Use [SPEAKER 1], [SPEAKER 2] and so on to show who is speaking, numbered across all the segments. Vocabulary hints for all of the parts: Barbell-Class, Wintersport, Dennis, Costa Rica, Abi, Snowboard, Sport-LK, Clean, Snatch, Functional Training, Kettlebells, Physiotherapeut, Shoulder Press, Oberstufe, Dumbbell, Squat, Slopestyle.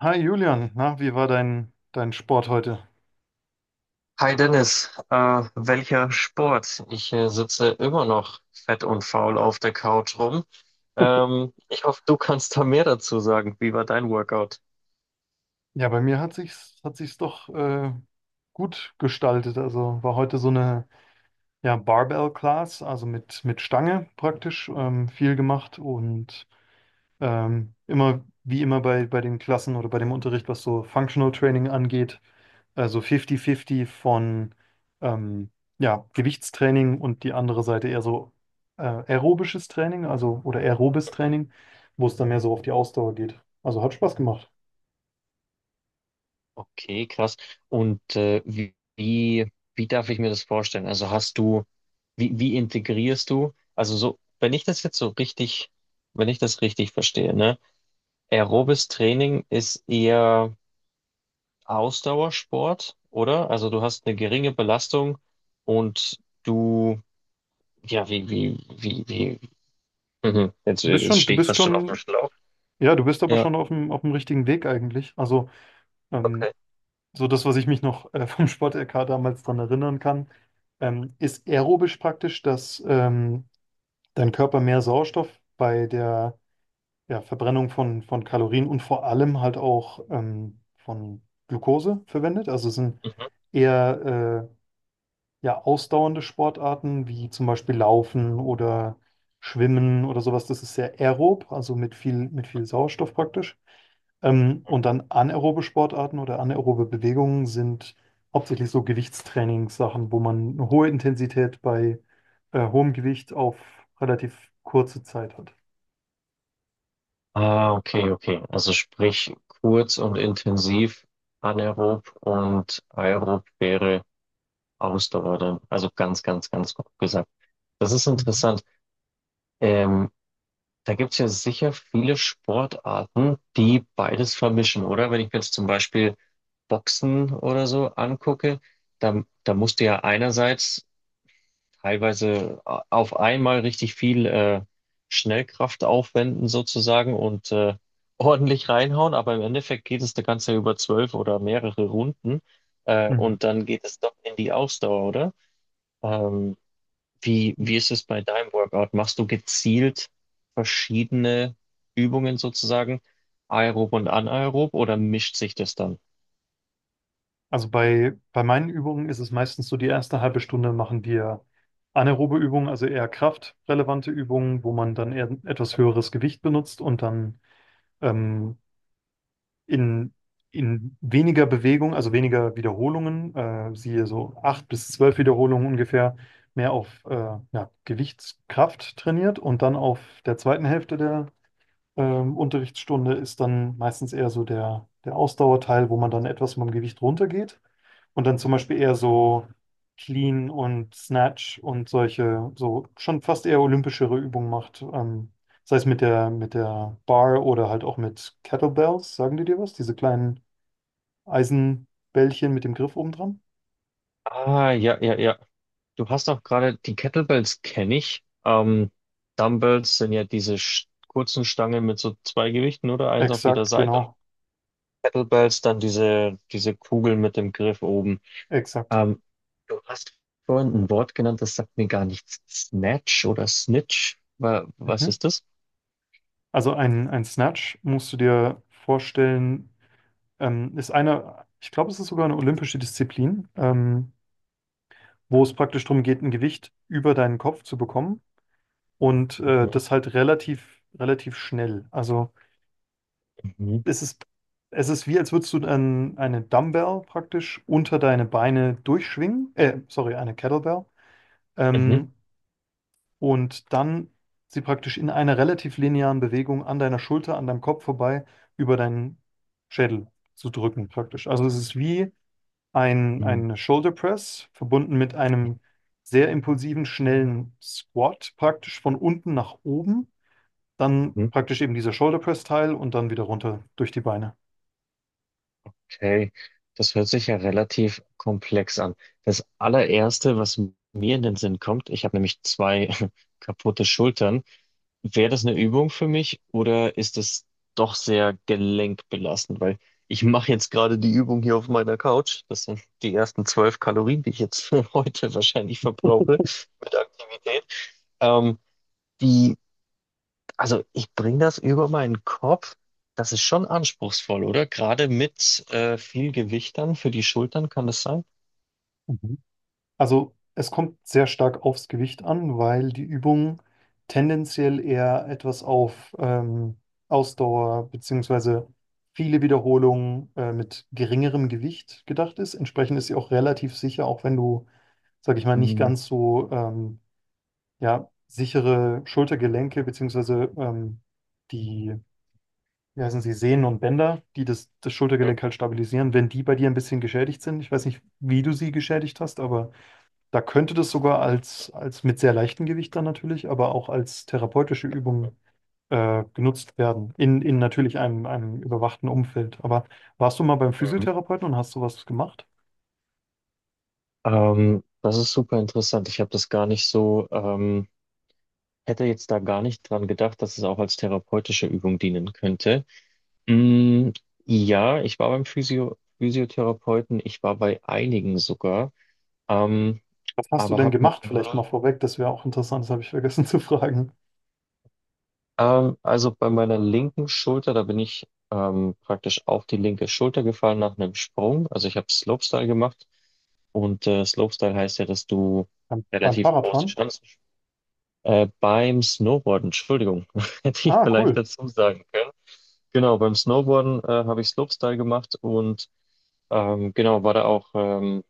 [SPEAKER 1] Hi Julian, na, wie war dein Sport heute?
[SPEAKER 2] Hi Dennis, welcher Sport? Ich sitze immer noch fett und faul auf der Couch rum. Ich hoffe, du kannst da mehr dazu sagen. Wie war dein Workout?
[SPEAKER 1] Ja, bei mir hat sich's doch gut gestaltet. Also war heute so eine ja, Barbell-Class, also mit Stange praktisch, viel gemacht und immer wie immer bei den Klassen oder bei dem Unterricht, was so Functional Training angeht, also 50-50 von ähm, ja, Gewichtstraining und die andere Seite eher so aerobisches Training, also oder aerobes Training, wo es dann mehr so auf die Ausdauer geht. Also hat Spaß gemacht.
[SPEAKER 2] Okay, krass. Und wie darf ich mir das vorstellen? Wie integrierst du? Also so, wenn ich das jetzt so richtig, wenn ich das richtig verstehe, ne? Aerobes Training ist eher Ausdauersport, oder? Also du hast eine geringe Belastung und du Ja. wie, wie, wie, wie. Mhm. Jetzt, äh, jetzt
[SPEAKER 1] Du
[SPEAKER 2] stehe ich
[SPEAKER 1] bist
[SPEAKER 2] fast schon auf dem
[SPEAKER 1] schon,
[SPEAKER 2] Schlauch.
[SPEAKER 1] ja, du bist aber
[SPEAKER 2] Ja,
[SPEAKER 1] schon auf dem richtigen Weg eigentlich. Also ähm,
[SPEAKER 2] okay.
[SPEAKER 1] so das, was ich mich noch vom Sport-LK damals dran erinnern kann, ist aerobisch praktisch, dass dein Körper mehr Sauerstoff bei der ja, Verbrennung von Kalorien und vor allem halt auch von Glucose verwendet. Also es sind
[SPEAKER 2] Mhm.
[SPEAKER 1] eher ja, ausdauernde Sportarten wie zum Beispiel Laufen oder Schwimmen oder sowas, das ist sehr aerob, also mit viel Sauerstoff praktisch. Und dann anaerobe Sportarten oder anaerobe Bewegungen sind hauptsächlich so Gewichtstrainingssachen, wo man eine hohe Intensität bei hohem Gewicht auf relativ kurze Zeit hat.
[SPEAKER 2] Ah, okay, okay. Also sprich, kurz und intensiv anaerob und aerob wäre Ausdauer dann. Also ganz, ganz, ganz grob gesagt. Das ist
[SPEAKER 1] Mhm.
[SPEAKER 2] interessant. Ähm, Da gibt's ja sicher viele Sportarten, die beides vermischen, oder? Wenn ich mir jetzt zum Beispiel Boxen oder so angucke, da musst du ja einerseits teilweise auf einmal richtig viel Schnellkraft aufwenden sozusagen und ordentlich reinhauen, aber im Endeffekt geht es eine ganze über 12 oder mehrere Runden
[SPEAKER 1] Mhm.
[SPEAKER 2] und dann geht es doch in die Ausdauer, oder? Ähm, wie ist es bei deinem Workout? Machst du gezielt verschiedene Übungen sozusagen, aerob und anaerob, oder mischt sich das dann?
[SPEAKER 1] Also bei meinen Übungen ist es meistens so, die erste halbe Stunde machen wir anaerobe Übungen, also eher kraftrelevante Übungen, wo man dann eher etwas höheres Gewicht benutzt und dann ähm, in, in weniger Bewegung, also weniger Wiederholungen, siehe so acht bis zwölf Wiederholungen ungefähr, mehr auf ja, Gewichtskraft trainiert und dann auf der zweiten Hälfte der Unterrichtsstunde ist dann meistens eher so der Ausdauerteil, wo man dann etwas vom Gewicht runtergeht und dann zum Beispiel eher so Clean und Snatch und solche, so schon fast eher olympischere Übungen macht. Sei es mit der Bar oder halt auch mit Kettlebells, sagen die dir was? Diese kleinen Eisenbällchen mit dem Griff oben dran?
[SPEAKER 2] Ah, ja, ja, ja. Du hast auch gerade die Kettlebells kenne ich. Dumbbells sind ja diese kurzen Stangen mit so zwei Gewichten oder eins auf jeder
[SPEAKER 1] Exakt,
[SPEAKER 2] Seite und
[SPEAKER 1] genau,
[SPEAKER 2] Kettlebells dann diese Kugel mit dem Griff oben.
[SPEAKER 1] exakt.
[SPEAKER 2] Ähm, Du hast vorhin ein Wort genannt, das sagt mir gar nichts. Snatch oder Snitch? Was
[SPEAKER 1] Mhm.
[SPEAKER 2] ist das?
[SPEAKER 1] Also ein Snatch musst du dir vorstellen. Ist eine, ich glaube, es ist sogar eine olympische Disziplin, wo es praktisch darum geht, ein Gewicht über deinen Kopf zu bekommen und das halt relativ schnell. Also
[SPEAKER 2] Mhm,
[SPEAKER 1] es ist, es ist wie, als würdest du ein, eine Dumbbell praktisch unter deine Beine durchschwingen, sorry, eine Kettlebell,
[SPEAKER 2] mhm,
[SPEAKER 1] ähm, und dann sie praktisch in einer relativ linearen Bewegung an deiner Schulter, an deinem Kopf vorbei über deinen Schädel zu drücken praktisch. Also es ist wie
[SPEAKER 2] mhm,
[SPEAKER 1] ein Shoulder Press verbunden mit einem sehr impulsiven, schnellen Squat, praktisch von unten nach oben, dann
[SPEAKER 2] mhm.
[SPEAKER 1] praktisch eben dieser Shoulder Press Teil und dann wieder runter durch die Beine.
[SPEAKER 2] Okay, das hört sich ja relativ komplex an. Das allererste, was mir in den Sinn kommt, ich habe nämlich zwei kaputte Schultern. Wäre das eine Übung für mich oder ist es doch sehr gelenkbelastend? Weil ich mache jetzt gerade die Übung hier auf meiner Couch. Das sind die ersten 12 Kalorien, die ich jetzt heute wahrscheinlich verbrauche mit Aktivität. Ähm, die, also ich bringe das über meinen Kopf. Das ist schon anspruchsvoll, oder? Gerade mit viel Gewicht dann für die Schultern kann das sein?
[SPEAKER 1] Mhm. Also es kommt sehr stark aufs Gewicht an, weil die Übung tendenziell eher etwas auf Ausdauer beziehungsweise viele Wiederholungen mit geringerem Gewicht gedacht ist. Entsprechend ist sie auch relativ sicher, auch wenn du, sag ich mal, nicht
[SPEAKER 2] Mhm.
[SPEAKER 1] ganz so ja, sichere Schultergelenke beziehungsweise die, wie heißen sie, Sehnen und Bänder, die das Schultergelenk halt stabilisieren, wenn die bei dir ein bisschen geschädigt sind. Ich weiß nicht, wie du sie geschädigt hast, aber da könnte das sogar als, als mit sehr leichtem Gewicht dann natürlich, aber auch als therapeutische Übung genutzt werden, in natürlich einem, einem überwachten Umfeld. Aber warst du mal beim
[SPEAKER 2] Mhm.
[SPEAKER 1] Physiotherapeuten und hast sowas gemacht?
[SPEAKER 2] Das ist super interessant. Ich habe das gar nicht so. Hätte jetzt da gar nicht dran gedacht, dass es auch als therapeutische Übung dienen könnte. Mm, ja, ich war beim Physiotherapeuten, ich war bei einigen sogar, ähm,
[SPEAKER 1] Was hast du
[SPEAKER 2] aber
[SPEAKER 1] denn
[SPEAKER 2] habe noch
[SPEAKER 1] gemacht? Vielleicht mal
[SPEAKER 2] nie.
[SPEAKER 1] vorweg, das wäre auch interessant, das habe ich vergessen zu fragen.
[SPEAKER 2] Also bei meiner linken Schulter, da bin ich praktisch auf die linke Schulter gefallen nach einem Sprung. Also ich habe Slopestyle gemacht und Slopestyle heißt ja, dass du
[SPEAKER 1] Beim
[SPEAKER 2] relativ große
[SPEAKER 1] Fahrradfahren?
[SPEAKER 2] Chancen Beim Snowboarden, Entschuldigung, hätte ich
[SPEAKER 1] Ah,
[SPEAKER 2] vielleicht
[SPEAKER 1] cool.
[SPEAKER 2] dazu sagen können. Genau, beim Snowboarden habe ich Slopestyle gemacht und genau, war da auch.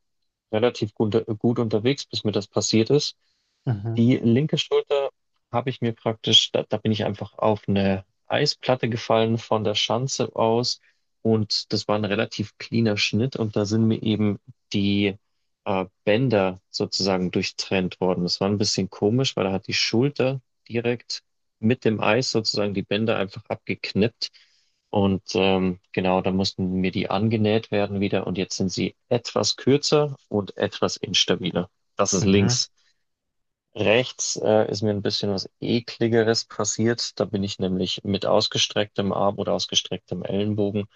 [SPEAKER 2] Relativ gut unterwegs, bis mir das passiert ist.
[SPEAKER 1] Mhm.
[SPEAKER 2] Die linke Schulter habe ich mir praktisch, da bin ich einfach auf eine Eisplatte gefallen von der Schanze aus und das war ein relativ cleaner Schnitt und da sind mir eben die Bänder sozusagen durchtrennt worden. Das war ein bisschen komisch, weil da hat die Schulter direkt mit dem Eis sozusagen die Bänder einfach abgeknippt. Und genau, da mussten mir die angenäht werden wieder und jetzt sind sie etwas kürzer und etwas instabiler. Das ist
[SPEAKER 1] Mhm.
[SPEAKER 2] links. Rechts ist mir ein bisschen was Ekligeres passiert. Da bin ich nämlich mit ausgestrecktem Arm oder ausgestrecktem Ellenbogen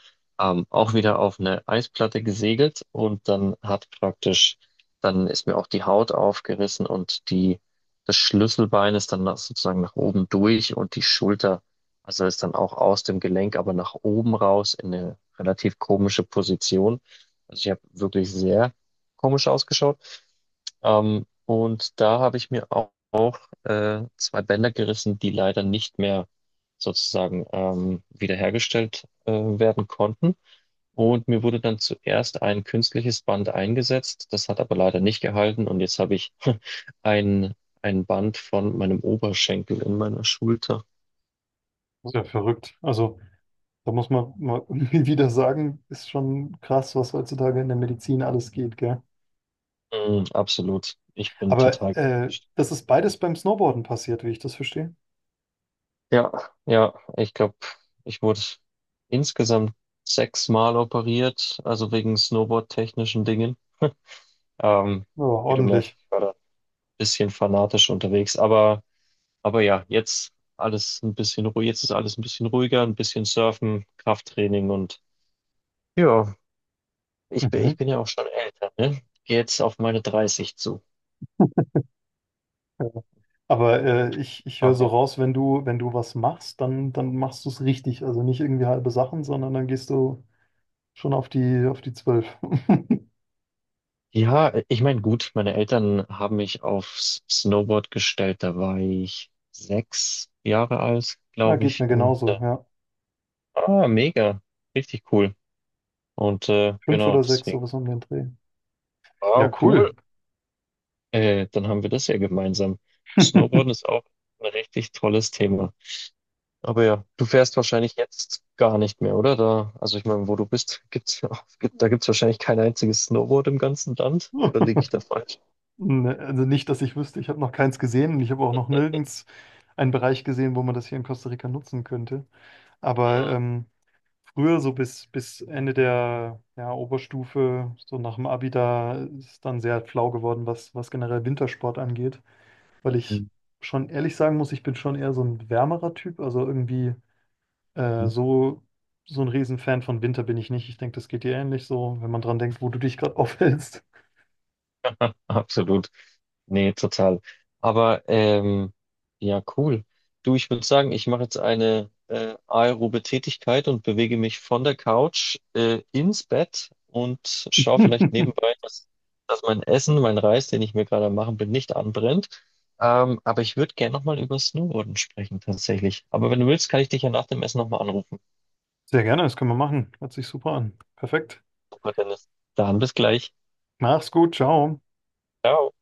[SPEAKER 2] auch wieder auf eine Eisplatte gesegelt und dann hat praktisch, dann ist mir auch die Haut aufgerissen und die, das Schlüsselbein ist dann nach, sozusagen nach oben durch und die Schulter, also ist dann auch aus dem Gelenk, aber nach oben raus in eine relativ komische Position. Also ich habe wirklich sehr komisch ausgeschaut. Und da habe ich mir auch zwei Bänder gerissen, die leider nicht mehr sozusagen wiederhergestellt werden konnten. Und mir wurde dann zuerst ein künstliches Band eingesetzt, das hat aber leider nicht gehalten. Und jetzt habe ich ein, ein Band von meinem Oberschenkel in meiner Schulter.
[SPEAKER 1] Ist ja verrückt. Also, da muss man mal irgendwie wieder sagen, ist schon krass, was heutzutage in der Medizin alles geht, gell?
[SPEAKER 2] Mm, absolut. Ich bin
[SPEAKER 1] Aber
[SPEAKER 2] total.
[SPEAKER 1] das ist beides beim Snowboarden passiert, wie ich das verstehe.
[SPEAKER 2] Ja, ja, ich glaube, ich wurde insgesamt 6-mal operiert, also wegen Snowboard-technischen Dingen. Ähm,
[SPEAKER 1] Ja,
[SPEAKER 2] Wie du merkst,
[SPEAKER 1] ordentlich.
[SPEAKER 2] ich war da ein bisschen fanatisch unterwegs, aber ja, jetzt alles ein bisschen ruhig, jetzt ist alles ein bisschen ruhiger, ein bisschen Surfen, Krafttraining und ja, ich bin,
[SPEAKER 1] Mhm.
[SPEAKER 2] ich bin ja auch schon älter, ne? Geh jetzt auf meine 30 zu.
[SPEAKER 1] Ja. Aber ich höre
[SPEAKER 2] Aber
[SPEAKER 1] so
[SPEAKER 2] ja.
[SPEAKER 1] raus, wenn du was machst, dann, dann machst du es richtig. Also nicht irgendwie halbe Sachen, sondern dann gehst du schon auf die zwölf.
[SPEAKER 2] Ja, ich meine, gut, meine Eltern haben mich aufs Snowboard gestellt. Da war ich 6 Jahre alt,
[SPEAKER 1] Ja,
[SPEAKER 2] glaube
[SPEAKER 1] geht mir
[SPEAKER 2] ich. Und
[SPEAKER 1] genauso, ja.
[SPEAKER 2] mega, richtig cool. Und
[SPEAKER 1] Fünf
[SPEAKER 2] genau,
[SPEAKER 1] oder sechs,
[SPEAKER 2] deswegen,
[SPEAKER 1] sowas um den Dreh. Ja,
[SPEAKER 2] wow, cool.
[SPEAKER 1] cool.
[SPEAKER 2] Dann haben wir das ja gemeinsam. Snowboarden ist auch ein richtig tolles Thema. Aber ja, du fährst wahrscheinlich jetzt gar nicht mehr, oder? Da, also ich meine, wo du bist, gibt's, gibt, da gibt's wahrscheinlich kein einziges Snowboard im ganzen Land. Oder liege ich da falsch?
[SPEAKER 1] Ne, also nicht, dass ich wüsste, ich habe noch keins gesehen und ich habe auch noch nirgends einen Bereich gesehen, wo man das hier in Costa Rica nutzen könnte. Aber früher, so bis Ende der ja, Oberstufe, so nach dem Abi, da ist dann sehr flau geworden, was generell Wintersport angeht. Weil ich
[SPEAKER 2] Mhm.
[SPEAKER 1] schon ehrlich sagen muss, ich bin schon eher so ein wärmerer Typ. Also irgendwie äh, so, so ein Riesenfan von Winter bin ich nicht. Ich denke, das geht dir ähnlich so, wenn man dran denkt, wo du dich gerade aufhältst.
[SPEAKER 2] Absolut. Nee, total. Aber ja, cool. Du, ich würde sagen, ich mache jetzt eine aerobe Tätigkeit und bewege mich von der Couch ins Bett und schaue vielleicht nebenbei, dass, dass mein Essen, mein Reis, den ich mir gerade am machen bin, nicht anbrennt. Aber ich würde gerne nochmal über Snowboarden sprechen, tatsächlich. Aber wenn du willst, kann ich dich ja nach dem Essen nochmal anrufen.
[SPEAKER 1] Sehr gerne, das können wir machen. Hört sich super an. Perfekt.
[SPEAKER 2] Super, Dennis. Dann bis gleich.
[SPEAKER 1] Mach's gut, ciao.
[SPEAKER 2] Ciao.